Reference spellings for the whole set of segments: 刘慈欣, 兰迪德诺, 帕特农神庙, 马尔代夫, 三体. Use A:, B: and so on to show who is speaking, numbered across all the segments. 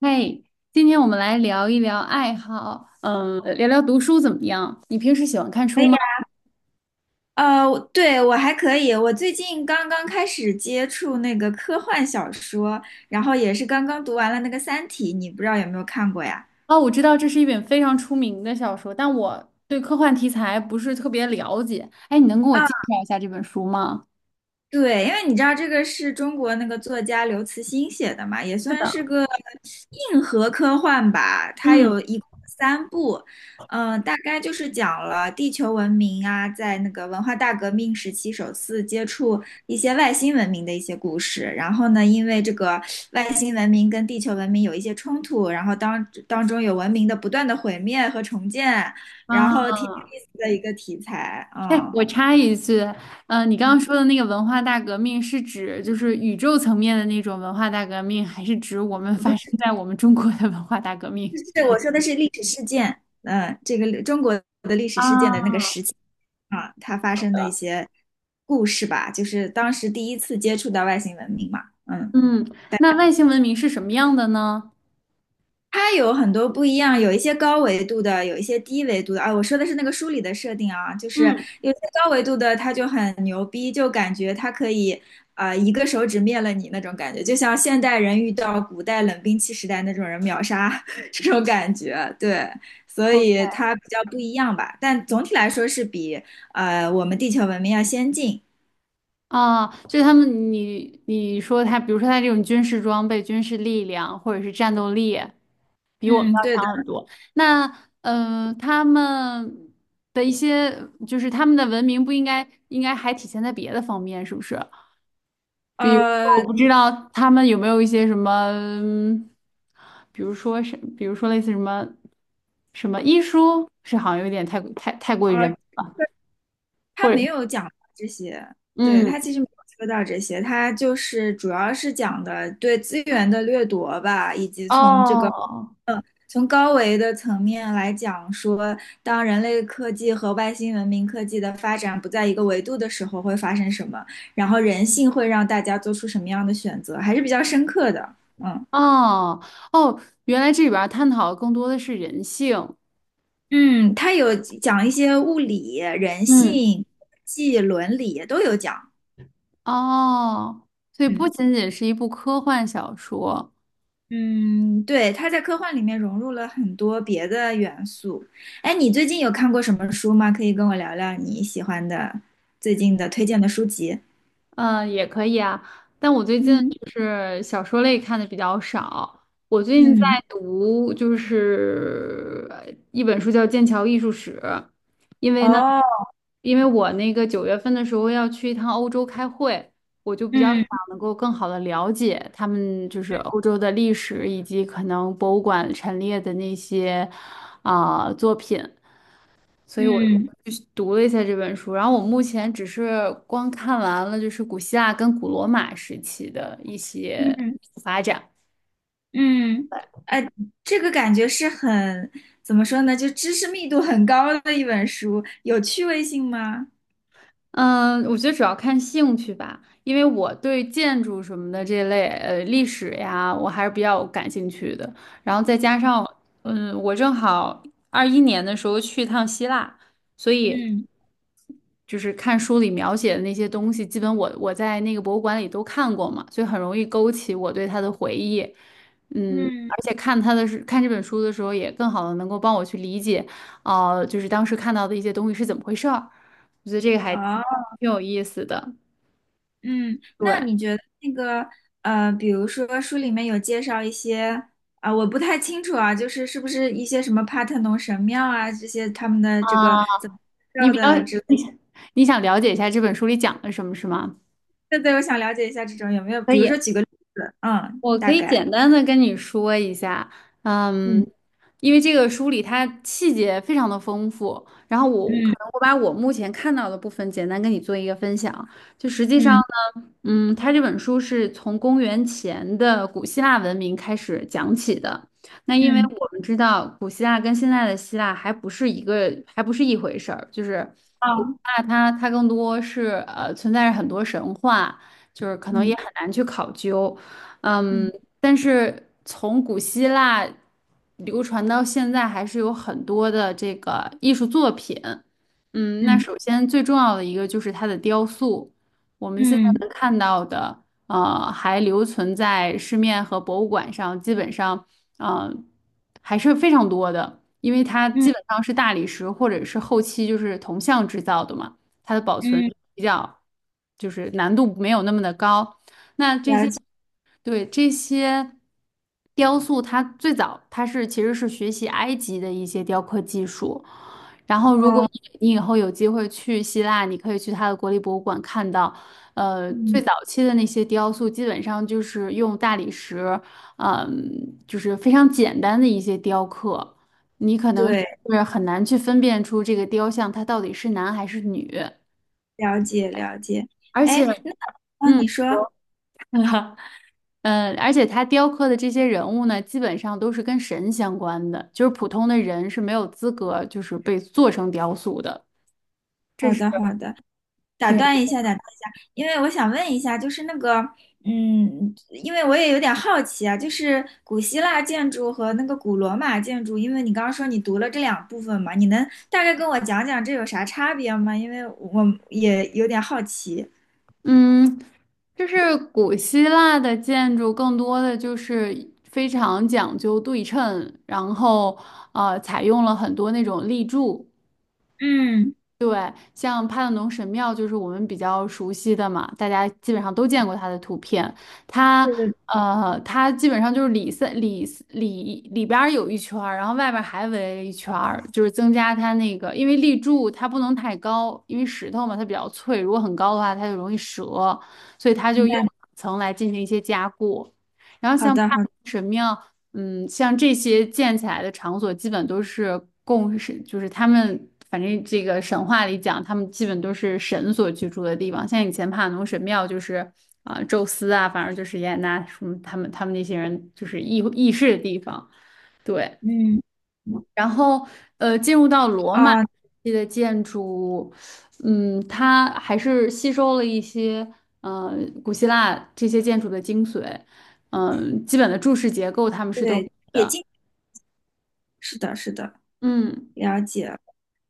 A: 嘿，今天我们来聊一聊爱好，嗯，聊聊读书怎么样？你平时喜欢看
B: 可
A: 书
B: 以，
A: 吗？
B: 我对，我还可以。我最近刚刚开始接触那个科幻小说，然后也是刚刚读完了那个《三体》，你不知道有没有看过呀？
A: 哦，我知道这是一本非常出名的小说，但我对科幻题材不是特别了解。哎，你能跟我
B: 啊。
A: 介绍一下这本书吗？
B: 对，因为你知道这个是中国那个作家刘慈欣写的嘛，也
A: 是
B: 算是
A: 的。
B: 个硬核科幻吧。它
A: 嗯，
B: 有一共三部，嗯、大概就是讲了地球文明啊，在那个文化大革命时期首次接触一些外星文明的一些故事。然后呢，因为这个外星文明跟地球文明有一些冲突，然后当中有文明的不断的毁灭和重建，
A: 啊。
B: 然后挺有意思的一个题材，
A: 嘿，
B: 嗯。
A: 我插一句，你刚刚说的那个文化大革命是指就是宇宙层面的那种文化大革命，还是指我们发生在我们中国的文化大革命？
B: 是我说的是历史事件，嗯，这个中国的历史事件的那个
A: 啊。
B: 时期啊，它发生的一些故事吧，就是当时第一次接触到外星文明嘛，嗯。
A: 嗯，那外星文明是什么样的呢？
B: 它有很多不一样，有一些高维度的，有一些低维度的啊。我说的是那个书里的设定啊，就是
A: 嗯。
B: 有些高维度的，它就很牛逼，就感觉它可以啊、一个手指灭了你那种感觉，就像现代人遇到古代冷兵器时代那种人秒杀 这种感觉。对，所
A: 哦
B: 以它比较不一样吧，但总体来说是比我们地球文明要先进。
A: 啊，就他们你说他，比如说他这种军事装备、军事力量或者是战斗力，比我们
B: 嗯，
A: 要
B: 对的。
A: 强很多。那嗯，他们的一些就是他们的文明不应该应该还体现在别的方面，是不是？比如说，
B: 呃，
A: 我不知道他们有没有一些什么，比如说是，比如说类似什么什么医书，是好像有点太过于
B: 啊，
A: 人，
B: 他
A: 或者
B: 没有讲这些，对，
A: 嗯。
B: 他其实没有说到这些，他就是主要是讲的对资源的掠夺吧，以及从这个
A: 哦。
B: 从高维的层面来讲说，当人类科技和外星文明科技的发展不在一个维度的时候会发生什么，然后人性会让大家做出什么样的选择，还是比较深刻的，嗯。
A: 哦哦，原来这里边儿探讨的更多的是人性。
B: 嗯，他有讲一些物理、人
A: 嗯。
B: 性、技伦理都有讲。
A: 哦，所以不
B: 嗯。
A: 仅仅是一部科幻小说。
B: 嗯，对，他在科幻里面融入了很多别的元素。哎，你最近有看过什么书吗？可以跟我聊聊你喜欢的最近的推荐的书籍。
A: 嗯，也可以啊，但我最近
B: 嗯
A: 就是小说类看的比较少。我最近在
B: 嗯，
A: 读就是一本书叫《剑桥艺术史》。因为呢，
B: 哦，
A: 因为我那个9月份的时候要去一趟欧洲开会，我就比较想
B: 嗯
A: 能够更好的了解他们就是欧洲的历史以及可能博物馆陈列的那些作品。所以我
B: 嗯
A: 就是读了一下这本书，然后我目前只是光看完了就是古希腊跟古罗马时期的一些
B: 嗯
A: 发展。
B: 嗯，呃，这个感觉是很，怎么说呢，就知识密度很高的一本书，有趣味性吗？
A: 嗯，我觉得主要看兴趣吧，因为我对建筑什么的这类历史呀，我还是比较感兴趣的。然后再加上，嗯，我正好21年的时候去一趟希腊，所以
B: 嗯
A: 就是看书里描写的那些东西，基本我在那个博物馆里都看过嘛，所以很容易勾起我对他的回忆。嗯，而
B: 嗯，
A: 且看他的是看这本书的时候，也更好的能够帮我去理解，就是当时看到的一些东西是怎么回事儿。我觉得这个还挺
B: 哦。
A: 有意思的。
B: 嗯，
A: 对
B: 那你觉得那个比如说书里面有介绍一些啊、我不太清楚啊，就是是不是一些什么帕特农神庙啊这些他们的这个
A: 啊，
B: 怎么介
A: 你
B: 绍
A: 比较
B: 的之类的
A: 你想你想了解一下这本书里讲了什么，是吗？
B: 对对，我想了解一下这种有没有，
A: 可
B: 比如说
A: 以。
B: 举个例子，嗯，
A: 我可
B: 大
A: 以
B: 概，
A: 简单的跟你说一下。嗯，
B: 嗯
A: 因为这个书里它细节非常的丰富，然后我可
B: 嗯
A: 能我把我目前看到的部分简单跟你做一个分享。就实际上
B: 嗯
A: 呢，嗯，它这本书是从公元前的古希腊文明开始讲起的。那因为
B: 嗯，
A: 我们知道古希腊跟现在的希腊还不是一个，还不是一回事儿，就是古希
B: 啊
A: 腊它更多是存在着很多神话，就是可能也
B: 嗯
A: 很难去考究。嗯，
B: 嗯
A: 但是从古希腊流传到现在，还是有很多的这个艺术作品。嗯，那
B: 嗯
A: 首先最重要的一个就是它的雕塑，我们现在
B: 嗯
A: 能看到的，还留存在市面和博物馆上，基本上，呃，还是非常多的，因为它
B: 嗯
A: 基本上是大理石或者是后期就是铜像制造的嘛，它的保存
B: 嗯，
A: 比较就是难度没有那么的高。那这些。对，这些雕塑，它最早它是其实是学习埃及的一些雕刻技术。然后，如果
B: 哦，
A: 你以后有机会去希腊，你可以去它的国立博物馆看到，最
B: 嗯，
A: 早期的那些雕塑，基本上就是用大理石，就是非常简单的一些雕刻，你可能
B: 对，
A: 是很难去分辨出这个雕像它到底是男还是女，
B: 了解了解，
A: 而且，
B: 哎，那哦，
A: 嗯。
B: 你说，
A: 嗯，而且他雕刻的这些人物呢，基本上都是跟神相关的，就是普通的人是没有资格就是被做成雕塑的。这
B: 好
A: 是，
B: 的好的。打断一下，打断一下，因为我想问一下，就是那个，嗯，因为我也有点好奇啊，就是古希腊建筑和那个古罗马建筑，因为你刚刚说你读了这两部分嘛，你能大概跟我讲讲这有啥差别吗？因为我也有点好奇。
A: 嗯，就是古希腊的建筑更多的就是非常讲究对称，然后采用了很多那种立柱。
B: 嗯，
A: 对，像帕特农神庙就是我们比较熟悉的嘛，大家基本上都见过它的图片。它
B: 对对，
A: 它基本上就是里三里里里边儿有一圈儿，然后外边儿还围了一圈儿，就是增加它那个，因为立柱它不能太高，因为石头嘛它比较脆，如果很高的话它就容易折，所以它就
B: 明
A: 用
B: 白。
A: 两层来进行一些加固。然后
B: 好
A: 像帕
B: 的，好的，
A: 神庙，嗯，像这些建起来的场所，基本都是供神，就是他们反正这个神话里讲，他们基本都是神所居住的地方。像以前帕农神庙就是宙斯啊，反正就是雅典娜什么他们那些人就是议事的地方。对，
B: 嗯，
A: 然后，进入到罗马时
B: 啊，
A: 期的建筑物嗯，它还是吸收了一些，呃，古希腊这些建筑的精髓，基本的柱式结构他们是都有
B: 对，也
A: 的。
B: 进，是的，是的，
A: 嗯，
B: 了解。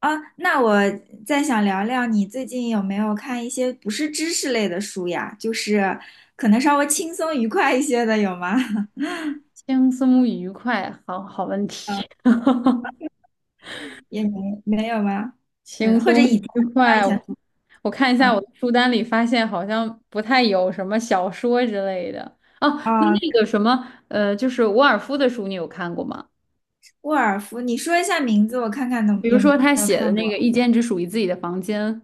B: 啊，那我再想聊聊你最近有没有看一些不是知识类的书呀？就是可能稍微轻松愉快一些的，有吗？
A: 轻松愉快，好好问题，
B: 嗯也没没有吗？
A: 轻
B: 嗯，或者
A: 松
B: 以前，
A: 愉
B: 那以
A: 快，
B: 前，
A: 我看一下我
B: 嗯，
A: 的书单里，发现好像不太有什么小说之类的。哦，那
B: 啊，
A: 那个什么，就是沃尔夫的书，你有看过吗？
B: 沃尔夫，你说一下名字，我看看能
A: 比如
B: 有
A: 说他
B: 没有
A: 写的
B: 看
A: 那
B: 过。
A: 个“一间只属于自己的房间”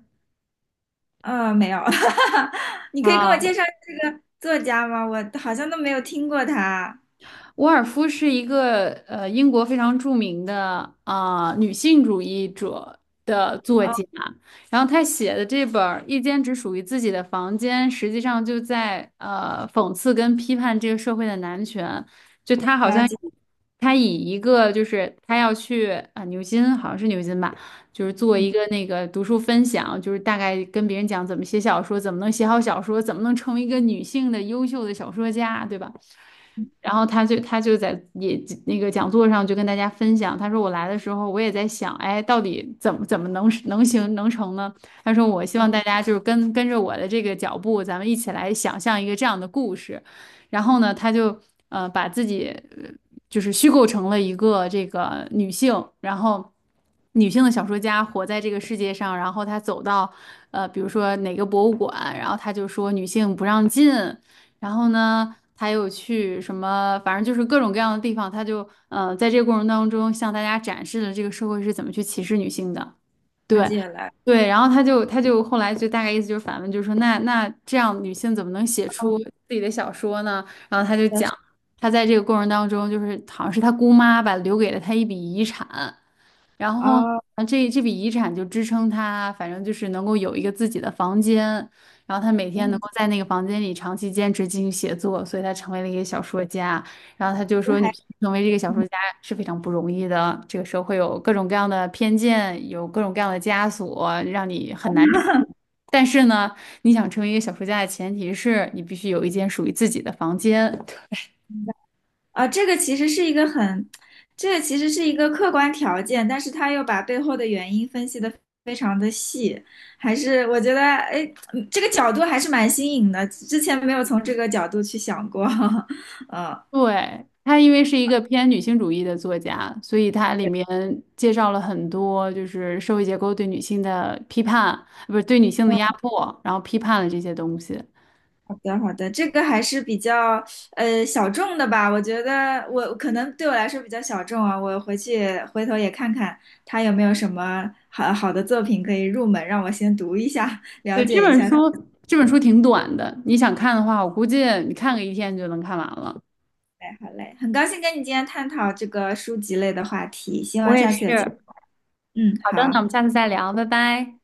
B: 嗯，没有，你可以给我
A: 啊，
B: 介绍这个作家吗？我好像都没有听过他。
A: 沃尔夫是一个英国非常著名的女性主义者的作
B: 哦，
A: 家，然后她写的这本儿《一间只属于自己的房间》，实际上就在讽刺跟批判这个社会的男权。就她好
B: 了
A: 像
B: 解，
A: 她以一个就是她要去牛津，好像是牛津吧，就是做
B: 嗯，
A: 一个那个读书分享，就是大概跟别人讲怎么写小说，怎么能写好小说，怎么能成为一个女性的优秀的小说家，对吧？然后他就在也那个讲座上就跟大家分享，他说我来的时候我也在想，哎，到底怎么能行能成呢？他说我希望大家就是跟着我的这个脚步，咱们一起来想象一个这样的故事。然后呢，他就把自己呃就是虚构成了一个这个女性，然后女性的小说家活在这个世界上，然后她走到比如说哪个博物馆，然后她就说女性不让进。然后呢，他又去什么，反正就是各种各样的地方，他就在这个过程当中向大家展示了这个社会是怎么去歧视女性的。
B: 了
A: 对。
B: 解了。
A: 对，然后他就后来就大概意思就是反问，就是说那那这样女性怎么能写出自己的小说呢？然后他就讲，他在这个过程当中，就是好像是他姑妈吧，留给了他一笔遗产，然后
B: 哦，
A: 这这笔遗产就支撑他，反正就是能够有一个自己的房间，然后他每
B: 我
A: 天能
B: 很
A: 够在那个房间里长期坚持进行写作，所以他成为了一个小说家。然后他就说，
B: 还
A: 女性成为这个小
B: 嗯。
A: 说家是非常不容易的，这个社会有各种各样的偏见，有各种各样的枷锁，让你很难。但是呢，你想成为一个小说家的前提是你必须有一间属于自己的房间。
B: 啊，这个其实是一个很，这个其实是一个客观条件，但是他又把背后的原因分析的非常的细，还是我觉得，哎，嗯这个角度还是蛮新颖的，之前没有从这个角度去想过。嗯，
A: 对，他，因为是一个偏女性主义的作家，所以他里面介绍了很多就是社会结构对女性的批判，不是对女性的压迫，然后批判了这些东西。
B: 好的，好的，这个还是比较小众的吧，我觉得我可能对我来说比较小众啊，我回去回头也看看他有没有什么好的作品可以入门，让我先读一下，了
A: 对，这
B: 解一
A: 本
B: 下。
A: 书，
B: 他。
A: 这本书挺短的，你想看的话，我估计你看个一天就能看完了。
B: 哎，好嘞，很高兴跟你今天探讨这个书籍类的话题，希
A: 我
B: 望
A: 也
B: 下次有机
A: 是。
B: 会，嗯，
A: 好的，那我
B: 好。
A: 们下次再聊，拜拜。